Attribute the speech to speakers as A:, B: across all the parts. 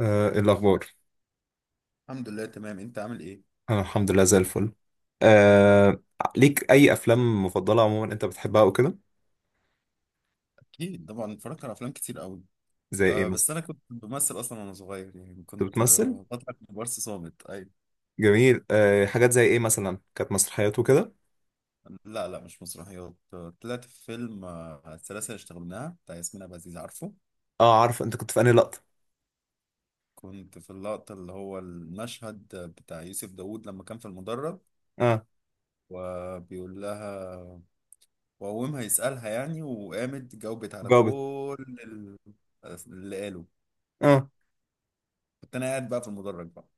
A: إيه الأخبار؟
B: الحمد لله، تمام. انت عامل ايه؟
A: أنا الحمد لله زي الفل. آه، ليك أي أفلام مفضلة عموما أنت بتحبها وكده؟
B: اكيد طبعا، اتفرجت على افلام كتير قوي.
A: زي إيه
B: أه،
A: مثلا؟
B: بس انا كنت بمثل اصلا وانا صغير، يعني
A: أنت
B: كنت
A: بتمثل؟
B: بطلع كبار صامت. اي؟
A: جميل. حاجات زي إيه مثلا؟ كانت مسرحيات وكده؟
B: لا لا، مش مسرحيات. طلعت في فيلم، السلاسل اللي اشتغلناها بتاع ياسمين عبد العزيز، عارفه؟
A: أه، عارف. أنت كنت في أنهي لقطة؟
B: كنت في اللقطة، اللي هو المشهد بتاع يوسف داوود لما كان في المدرج،
A: أه،
B: وبيقول لها. وقومها يسألها يعني، وقامت جاوبت على
A: جاوبت.
B: كل اللي قاله.
A: أه،
B: كنت انا قاعد بقى في المدرج بقى.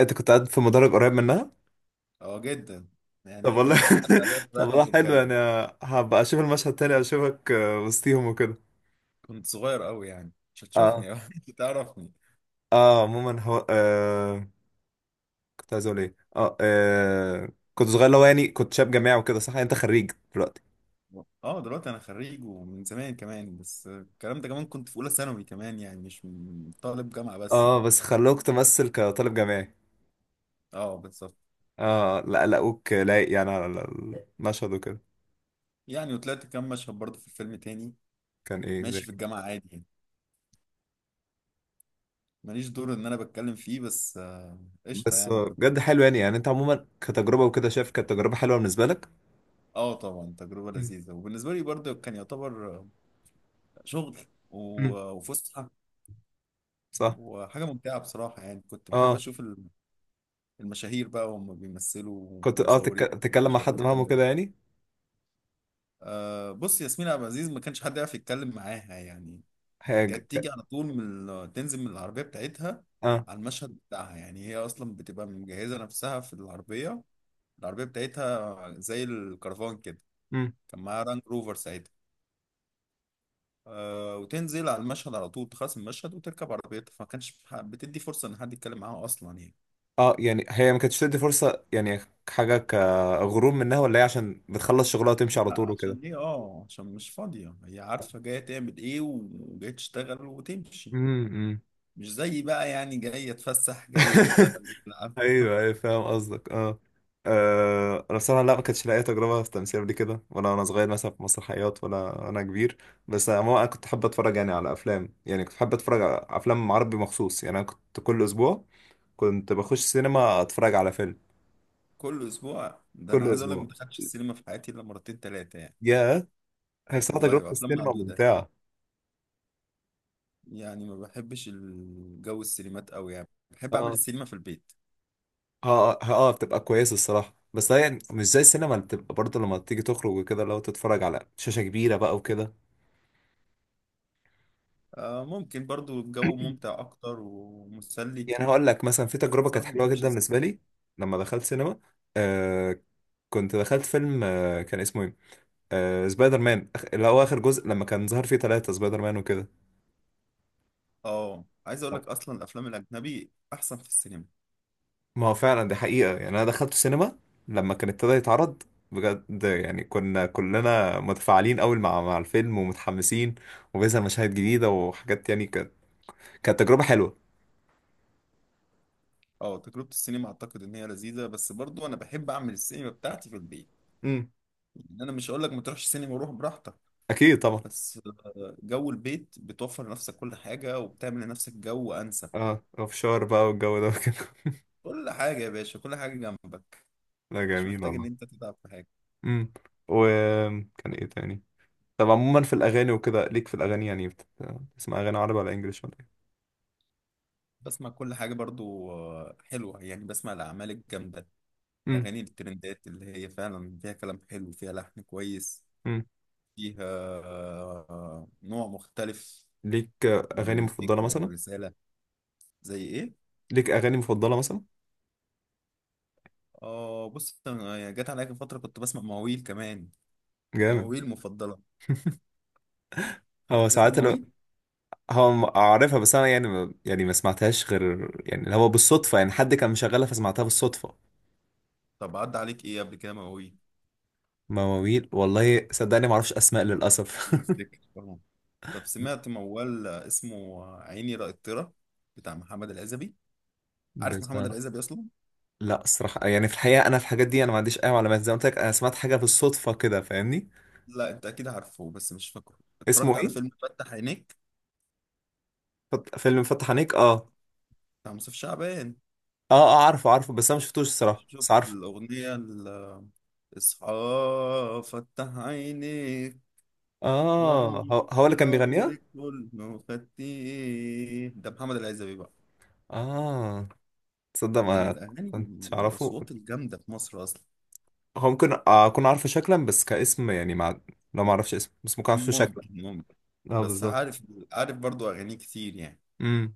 A: أنت كنت قاعد في مدرج قريب منها؟
B: اه، جدا. يعني
A: طب
B: هي
A: والله.
B: كانت بتعدي على الوقت،
A: طب
B: رايحة
A: والله، حلو يعني.
B: وجاية.
A: هبقى أشوف المشهد تاني، أشوفك وسطيهم وكده.
B: كنت صغير قوي يعني، مش
A: أه.
B: هتشوفني أكيد تعرفني.
A: أه، عموما هو، كنت عايز أقول إيه؟ أه آه، كنت صغير اللي هو يعني كنت شاب جامعي وكده، صح؟ يعني أنت خريج دلوقتي.
B: اه، دلوقتي انا خريج ومن زمان كمان. بس الكلام ده كمان كنت في اولى ثانوي، كمان يعني مش طالب جامعة بس.
A: اه، بس خلوك تمثل كطالب جامعي.
B: اه، بالظبط.
A: اه لا، لقوك لايق يعني على المشهد وكده.
B: يعني وطلعت كام مشهد برضه في الفيلم تاني.
A: كان ايه؟ زي
B: ماشي في
A: إيه.
B: الجامعة عادي يعني، ماليش دور ان انا بتكلم فيه، بس قشطة
A: بس
B: يعني كنت.
A: بجد حلو يعني انت عموما كتجربة وكده شايف كانت تجربة حلوة بالنسبة لك.
B: اه طبعا، تجربة
A: مم.
B: لذيذة، وبالنسبة لي برضه كان يعتبر شغل
A: مم.
B: وفسحة
A: صح.
B: وحاجة ممتعة بصراحة. يعني كنت بحب
A: اه
B: أشوف المشاهير بقى وهم بيمثلوا،
A: كنت اه
B: ومصورين
A: تتكلم مع
B: بيشغلوا
A: حد فاهمه
B: الكاميرا.
A: كده يعني.
B: بص، ياسمين عبد العزيز ما كانش حد يعرف يتكلم معاها يعني.
A: هي
B: كانت تيجي على طول من تنزل من العربية بتاعتها
A: اه.
B: على المشهد بتاعها. يعني هي أصلا بتبقى مجهزة نفسها في العربية. العربية بتاعتها زي الكرفان كده.
A: مم.
B: كان معاها رانج روفر ساعتها. وتنزل على المشهد على طول، تخلص المشهد وتركب عربيتها. فما كانش بتدي فرصة إن حد يتكلم معاها أصلا يعني.
A: اه يعني هي ما كانتش تدي فرصة يعني، حاجة كغرور منها ولا هي عشان بتخلص شغلها وتمشي على
B: لا،
A: طول وكده.
B: عشان ايه؟ اه، عشان مش فاضية. هي عارفة جاية تعمل ايه، وجاية تشتغل وتمشي.
A: امم.
B: مش زي بقى يعني جاية اتفسح، جاية اشتغل ألعب.
A: ايوه ايوه، فاهم قصدك اه. انا بصراحه لا، ما كانتش لاقي تجربه في التمثيل قبل كده، ولا وانا صغير مثلا في مسرحيات، ولا انا كبير. بس عموما انا كنت حابب اتفرج يعني على افلام، يعني كنت حابب اتفرج على افلام عربي مخصوص، يعني انا كنت كل اسبوع كنت بخش سينما اتفرج على فيلم
B: كل اسبوع ده؟ انا
A: كل
B: عايز اقول لك، ما
A: اسبوع.
B: دخلتش السينما في حياتي الا مرتين تلاتة يعني.
A: يا. هي بصراحه
B: والله،
A: تجربه
B: وافلام
A: السينما
B: معدودة.
A: ممتعه.
B: يعني ما بحبش الجو السينمات قوي، يعني بحب اعمل
A: اه
B: السينما في البيت.
A: اه اه. بتبقى كويسه الصراحه، بس هي مش زي السينما اللي بتبقى برضه لما تيجي تخرج وكده، لو تتفرج على شاشه كبيره بقى وكده.
B: آه، ممكن برضو الجو ممتع اكتر ومسلي.
A: يعني هقول لك مثلا في
B: بس
A: تجربة كانت
B: بصراحة ما
A: حلوة
B: بحبش
A: جدا بالنسبة
B: الزحمة.
A: لي لما دخلت سينما، آه كنت دخلت فيلم، آه كان اسمه ايه، آه سبايدر مان اللي هو آخر جزء لما كان ظهر فيه ثلاثة سبايدر مان وكده.
B: اه، عايز اقول لك، اصلا الافلام الاجنبي احسن في السينما.
A: ما هو فعلا دي حقيقة، يعني أنا دخلت السينما لما كان ابتدى يتعرض، بجد يعني كنا كلنا متفاعلين أوي مع الفيلم ومتحمسين، وبيظهر مشاهد جديدة وحاجات يعني، كانت تجربة حلوة.
B: اه، تجربة السينما اعتقد ان هي لذيذة، بس برضو انا بحب اعمل السينما بتاعتي في البيت.
A: امم.
B: يعني انا مش هقول لك ما تروحش السينما، وروح براحتك.
A: أكيد طبعا.
B: بس جو البيت بتوفر لنفسك كل حاجة، وبتعمل لنفسك جو انسب.
A: اه، اوف شور بقى والجو ده وكده.
B: كل حاجة يا باشا، كل حاجة جنبك.
A: لا
B: مش
A: جميل
B: محتاج ان
A: والله.
B: انت تتعب في حاجة.
A: امم. وكان ايه تاني؟ طب عموما في الاغاني وكده، ليك في الاغاني يعني بتسمع اغاني عربي ولا انجليش ولا ايه؟
B: بسمع كل حاجة برضو، حلوة يعني. بسمع الاعمال الجامدة،
A: امم.
B: الاغاني الترندات اللي هي فعلا فيها كلام حلو، فيها لحن كويس،
A: امم.
B: فيها نوع مختلف
A: ليك
B: من
A: اغاني
B: الموسيقى
A: مفضله مثلا؟
B: والرسالة. زي ايه؟
A: ليك اغاني مفضله مثلا؟
B: اه، بص، انا جت عليا فتره كنت بسمع مواويل كمان.
A: جامد.
B: مواويل مفضله.
A: هو
B: تسمع
A: ساعات انا،
B: مواويل؟
A: هو اعرفها، بس انا يعني يعني ما سمعتهاش غير يعني اللي هو بالصدفه، يعني حد كان مشغلها فسمعتها بالصدفه.
B: طب عدى عليك ايه قبل كده مواويل؟
A: مواويل والله صدقني ما اعرفش اسماء للاسف.
B: مش هتفتكر طبعا. طب سمعت موال اسمه عيني رأيترة بتاع محمد العزبي؟ عارف
A: بس
B: محمد العزبي اصلا؟
A: لا الصراحه، يعني في الحقيقه انا في الحاجات دي انا ما عنديش اي معلومات، زي ما قلت لك انا سمعت حاجه بالصدفه كده فاهمني.
B: لا، انت اكيد عارفه بس مش فاكره.
A: اسمه
B: اتفرجت على
A: ايه؟
B: فيلم فتح عينيك
A: فيلم فتح عينيك، اه.
B: بتاع مصطفى شعبان؟
A: اه اه، عارفه عارفه، بس انا ما شفتوش الصراحه، بس
B: شفت
A: عارفه.
B: الاغنيه اصحى فتح عينيك،
A: اه،
B: غمضت
A: هو اللي كان
B: العمر
A: بيغنيها.
B: كله، خدت ايه؟ ده محمد العزبي بقى،
A: اه. تصدق
B: من
A: ما
B: الأغاني،
A: كنتش اعرفه.
B: الأصوات الجامدة في مصر أصلا.
A: هو ممكن اكون عارفه شكلا بس كاسم يعني، مع، لو ما اعرفش اسمه بس ممكن اعرفه شكلا.
B: ممكن، ممكن.
A: اه
B: بس
A: بالظبط.
B: عارف، عارف برضو أغاني كتير يعني.
A: امم.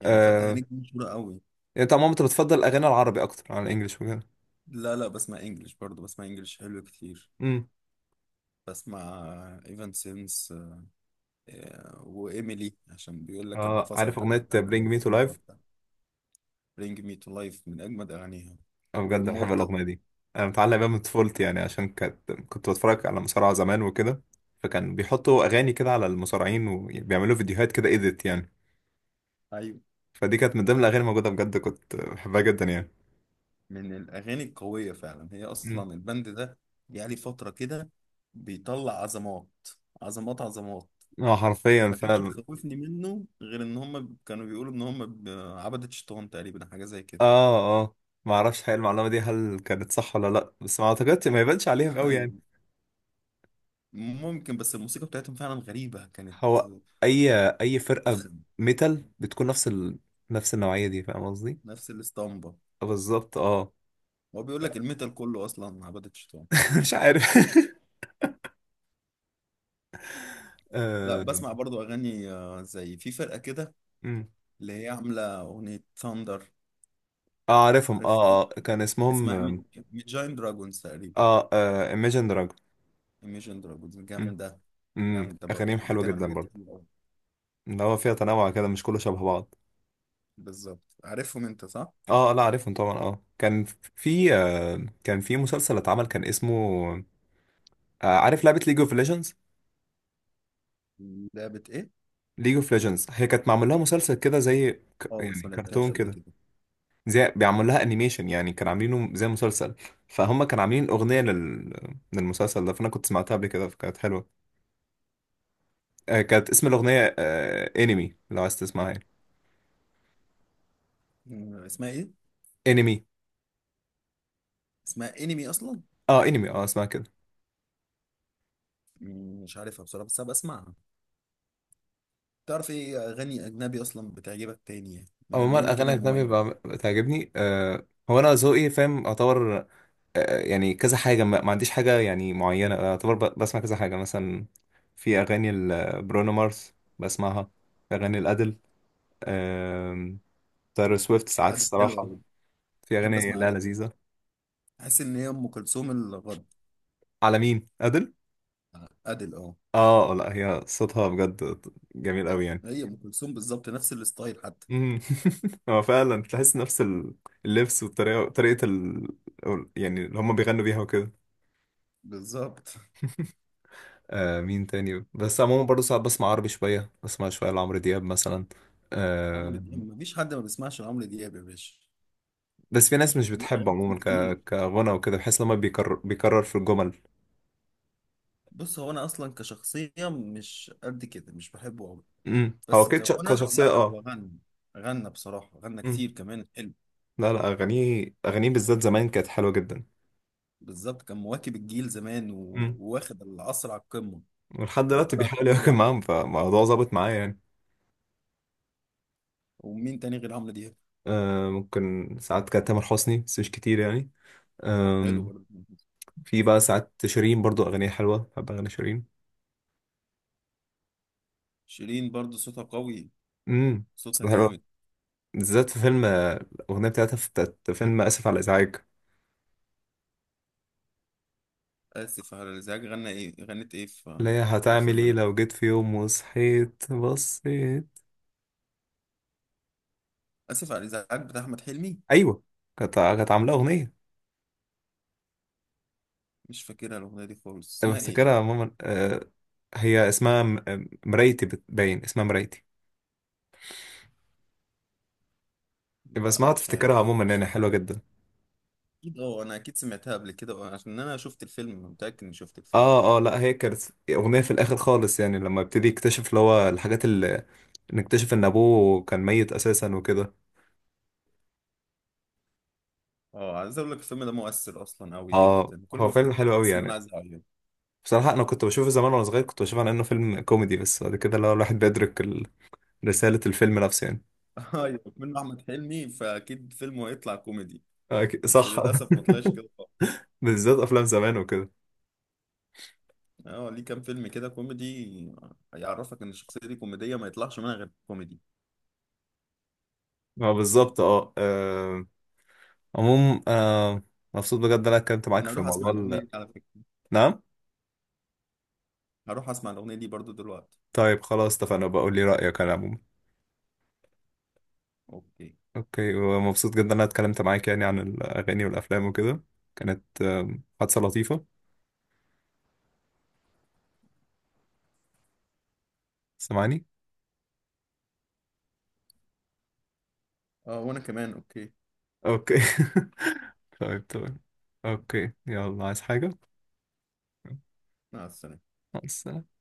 B: يعني فتح
A: آه.
B: عينيك دي مشهورة قوي.
A: يعني انت عموما انت بتفضل الاغاني العربي اكتر عن الانجليش وكده.
B: لا لا، بسمع إنجلش برضو، بسمع إنجلش حلو كتير.
A: امم.
B: بسمع إيفان سينس وإيميلي، عشان بيقول لك
A: اه، عارف
B: انفصلت عن
A: اغنيه
B: الباند،
A: برينج
B: بقت
A: مي تو
B: تغني
A: لايف؟
B: لوحدها. برينج مي تو لايف من أجمد أغانيها،
A: انا بجد بحب
B: وإمورتال.
A: الاغنيه دي. انا متعلق بيها من طفولتي، يعني عشان كانت كنت بتفرج على مصارعه زمان وكده، فكان بيحطوا اغاني كده على المصارعين وبيعملوا فيديوهات كده ايديت يعني.
B: أيوة،
A: فدي كانت من ضمن الاغاني الموجوده، بجد كنت بحبها جدا يعني.
B: من الأغاني القوية فعلا. هي
A: مم.
B: أصلا البند ده جه لي فترة كده بيطلع عظمات، عظمات عظمات.
A: اه حرفيا
B: ما كانتش
A: فعلا.
B: بتخوفني منه غير إن هم كانوا بيقولوا إن هم عبدة شيطان تقريبا، حاجة زي كده.
A: اه اه، ما اعرفش حقيقة المعلومه دي هل كانت صح ولا لا، بس ما اعتقدش، ما يبانش عليهم قوي
B: أيوه،
A: يعني.
B: ممكن. بس الموسيقى بتاعتهم فعلا غريبة كانت.
A: هو اي اي فرقه ميتال بتكون نفس ال... نفس النوعيه دي، فاهم قصدي؟
B: نفس الاسطمبة.
A: بالظبط اه.
B: هو بيقول لك الميتال كله أصلا عبدة شيطان.
A: مش عارف.
B: لا،
A: آه.
B: بسمع برضو أغاني زي في فرقة كده
A: أمم.
B: اللي هي عاملة أغنية ثاندر.
A: عارفهم اه،
B: عارف Thunder؟
A: كان
B: اسمها ميت
A: اسمهم
B: جاين دراجونز تقريبا.
A: اه، Imagine Dragon.
B: ايميجن دراجونز
A: أمم.
B: جامده.
A: أمم.
B: جامده برضه،
A: اغانيهم حلوه
B: بتعمل
A: جدا
B: حاجات
A: برضه،
B: كتير قوي.
A: اللي هو فيها تنوع كده مش كله شبه بعض.
B: بالظبط، عارفهم انت صح.
A: اه لا عارفهم طبعا اه، كان في كان في مسلسل اتعمل كان اسمه عارف لعبة ليج اوف ليجندز؟
B: لعبه ايه؟
A: ليج اوف ليجندز هي كانت معمول لها مسلسل كده، زي
B: اه بس
A: يعني
B: ما
A: كرتون
B: لعبتهاش قبل
A: كده،
B: كده.
A: زي بيعمل لها انيميشن يعني كان عاملينه زي مسلسل. فهم كانوا عاملين اغنية لل... للمسلسل ده، فانا كنت سمعتها قبل كده فكانت حلوة. كانت اسم الاغنية انمي، لو عايز تسمعها يعني.
B: اسمها ايه؟
A: انمي.
B: اسمها انمي اصلا؟
A: اه انمي، اه اسمها كده.
B: مش عارفها بصراحه، بس هبقى اسمعها. تعرف ايه اغاني اجنبي اصلا بتعجبك تاني، يعني من
A: عموما
B: اللون
A: الاغاني
B: كده
A: الاجنبي
B: المميز؟
A: بتعجبني. هو انا ذوقي فاهم اعتبر يعني كذا حاجة، ما عنديش حاجة يعني معينة أعتبر بسمع كذا حاجة. مثلا في أغاني برونو مارس بسمعها. في أغاني الأدل. آم. تايلور سويفت ساعات
B: ادل حلوه
A: الصراحة.
B: قوي.
A: في
B: بحب
A: أغاني
B: اسمع
A: لا
B: ادل.
A: لذيذة.
B: احس ان هي ام كلثوم الغرب.
A: على مين أدل؟
B: ادل، اه.
A: آه لا، هي صوتها بجد جميل أوي يعني.
B: هي ام كلثوم بالظبط، نفس الستايل حتى.
A: مم. هو فعلا تحس نفس ال-، اللبس والطريقة، طريقة ال... يعني اللي هما بيغنوا بيها وكده.
B: بالظبط.
A: آه، مين تاني؟ بس عموما برضه ساعات بسمع عربي شوية، بسمع شوية لعمرو دياب مثلا.
B: عمرو
A: آه،
B: دياب مفيش حد ما بيسمعش عمرو دياب يا باشا.
A: بس في ناس مش
B: ليه
A: بتحبه
B: اغاني
A: عموما، ك...
B: كتير.
A: كغنى وكده، بحس لما بيكرر بيكرر في الجمل.
B: بص، هو انا اصلا كشخصيه مش قد كده، مش بحبه قوي.
A: امم، هو
B: بس
A: كده
B: كغنى
A: كشخصية
B: لا، هو
A: اه.
B: غنى، غنى بصراحه، غنى
A: امم.
B: كتير كمان حلو.
A: لا لا، أغانيه أغانيه بالذات زمان كانت حلوة جدا.
B: بالظبط، كان مواكب الجيل زمان
A: امم.
B: وواخد العصر على القمه.
A: ولحد
B: كان
A: دلوقتي
B: طالع
A: بيحاول
B: القمه
A: يواكب
B: لوحده.
A: معاهم، فالموضوع ظابط معايا يعني.
B: ومين تاني غير عمرو دياب؟
A: آه، ممكن ساعات كانت تامر حسني، بس مش كتير يعني.
B: حلو
A: آم.
B: برضه.
A: في بقى ساعات شيرين برضو أغانيها حلوة، بحب أغاني شيرين.
B: شيرين برضه صوتها قوي،
A: امم. بس
B: صوتها
A: حلوة
B: جامد.
A: بالذات في فيلم الأغنية بتاعتها في بتاعت فيلم آسف على الإزعاج،
B: اسف على الازعاج، غنى ايه، غنت ايه
A: اللي
B: في
A: هي
B: في
A: هتعمل
B: الفيلم
A: ايه
B: ده؟
A: لو جيت في يوم وصحيت بصيت.
B: اسف على الازعاج بتاع احمد حلمي.
A: ايوه. كانت عامله اغنيه،
B: مش فاكرها الاغنيه دي خالص،
A: أنا
B: اسمها ايه؟
A: بفتكرها ماما، هي اسمها مرايتي بتبين، اسمها مرايتي. يبقى
B: لا
A: اسمها
B: مش
A: تفتكرها
B: عارف،
A: عموما،
B: مش
A: يعني حلوه
B: فاكرها.
A: جدا.
B: اكيد اه، انا اكيد سمعتها قبل كده، عشان انا شفت الفيلم، متاكد اني شفت الفيلم.
A: اه اه لا، هي كانت اغنيه في الاخر خالص، يعني لما ابتدي يكتشف اللي هو الحاجات اللي نكتشف ان ابوه كان ميت اساسا وكده.
B: اه، عايز اقول لك الفيلم ده مؤثر اصلا قوي
A: اه
B: جدا. كل
A: هو
B: ما
A: فيلم
B: افتكر
A: حلو قوي
B: بحس ان انا
A: يعني.
B: عايز اعيط.
A: بصراحه انا كنت بشوفه زمان وانا صغير، كنت بشوفه على انه فيلم كوميدي، بس بعد كده اللي هو الواحد بيدرك ال- رساله الفيلم نفسه يعني.
B: ايوه، منه احمد حلمي، فاكيد فيلمه هيطلع كوميدي. بس
A: صح.
B: للاسف ما طلعش كده خالص.
A: بالذات افلام زمان وكده.
B: اه ليه؟ كام فيلم كده كوميدي هيعرفك ان الشخصيه دي كوميديه؟ ما يطلعش منها غير كوميدي.
A: ما بالظبط اه. آه، عموم آه مبسوط بجد إن انا اتكلمت معاك
B: انا
A: في
B: هروح اسمع
A: موضوع
B: الاغنيه
A: ال...
B: دي على فكره.
A: نعم.
B: هروح اسمع الاغنيه دي برضو دلوقتي.
A: طيب خلاص اتفقنا، بقول لي رأيك انا عموما.
B: اوكي.
A: اوكي، ومبسوط جدا ان انا اتكلمت معاك يعني عن الاغاني والافلام وكده. كانت حادثة لطيفة، سامعني.
B: اه، وانا كمان اوكي.
A: اوكي. طيب طيب. اوكي يلا، عايز حاجة؟
B: مع السلامه.
A: مع السلامة.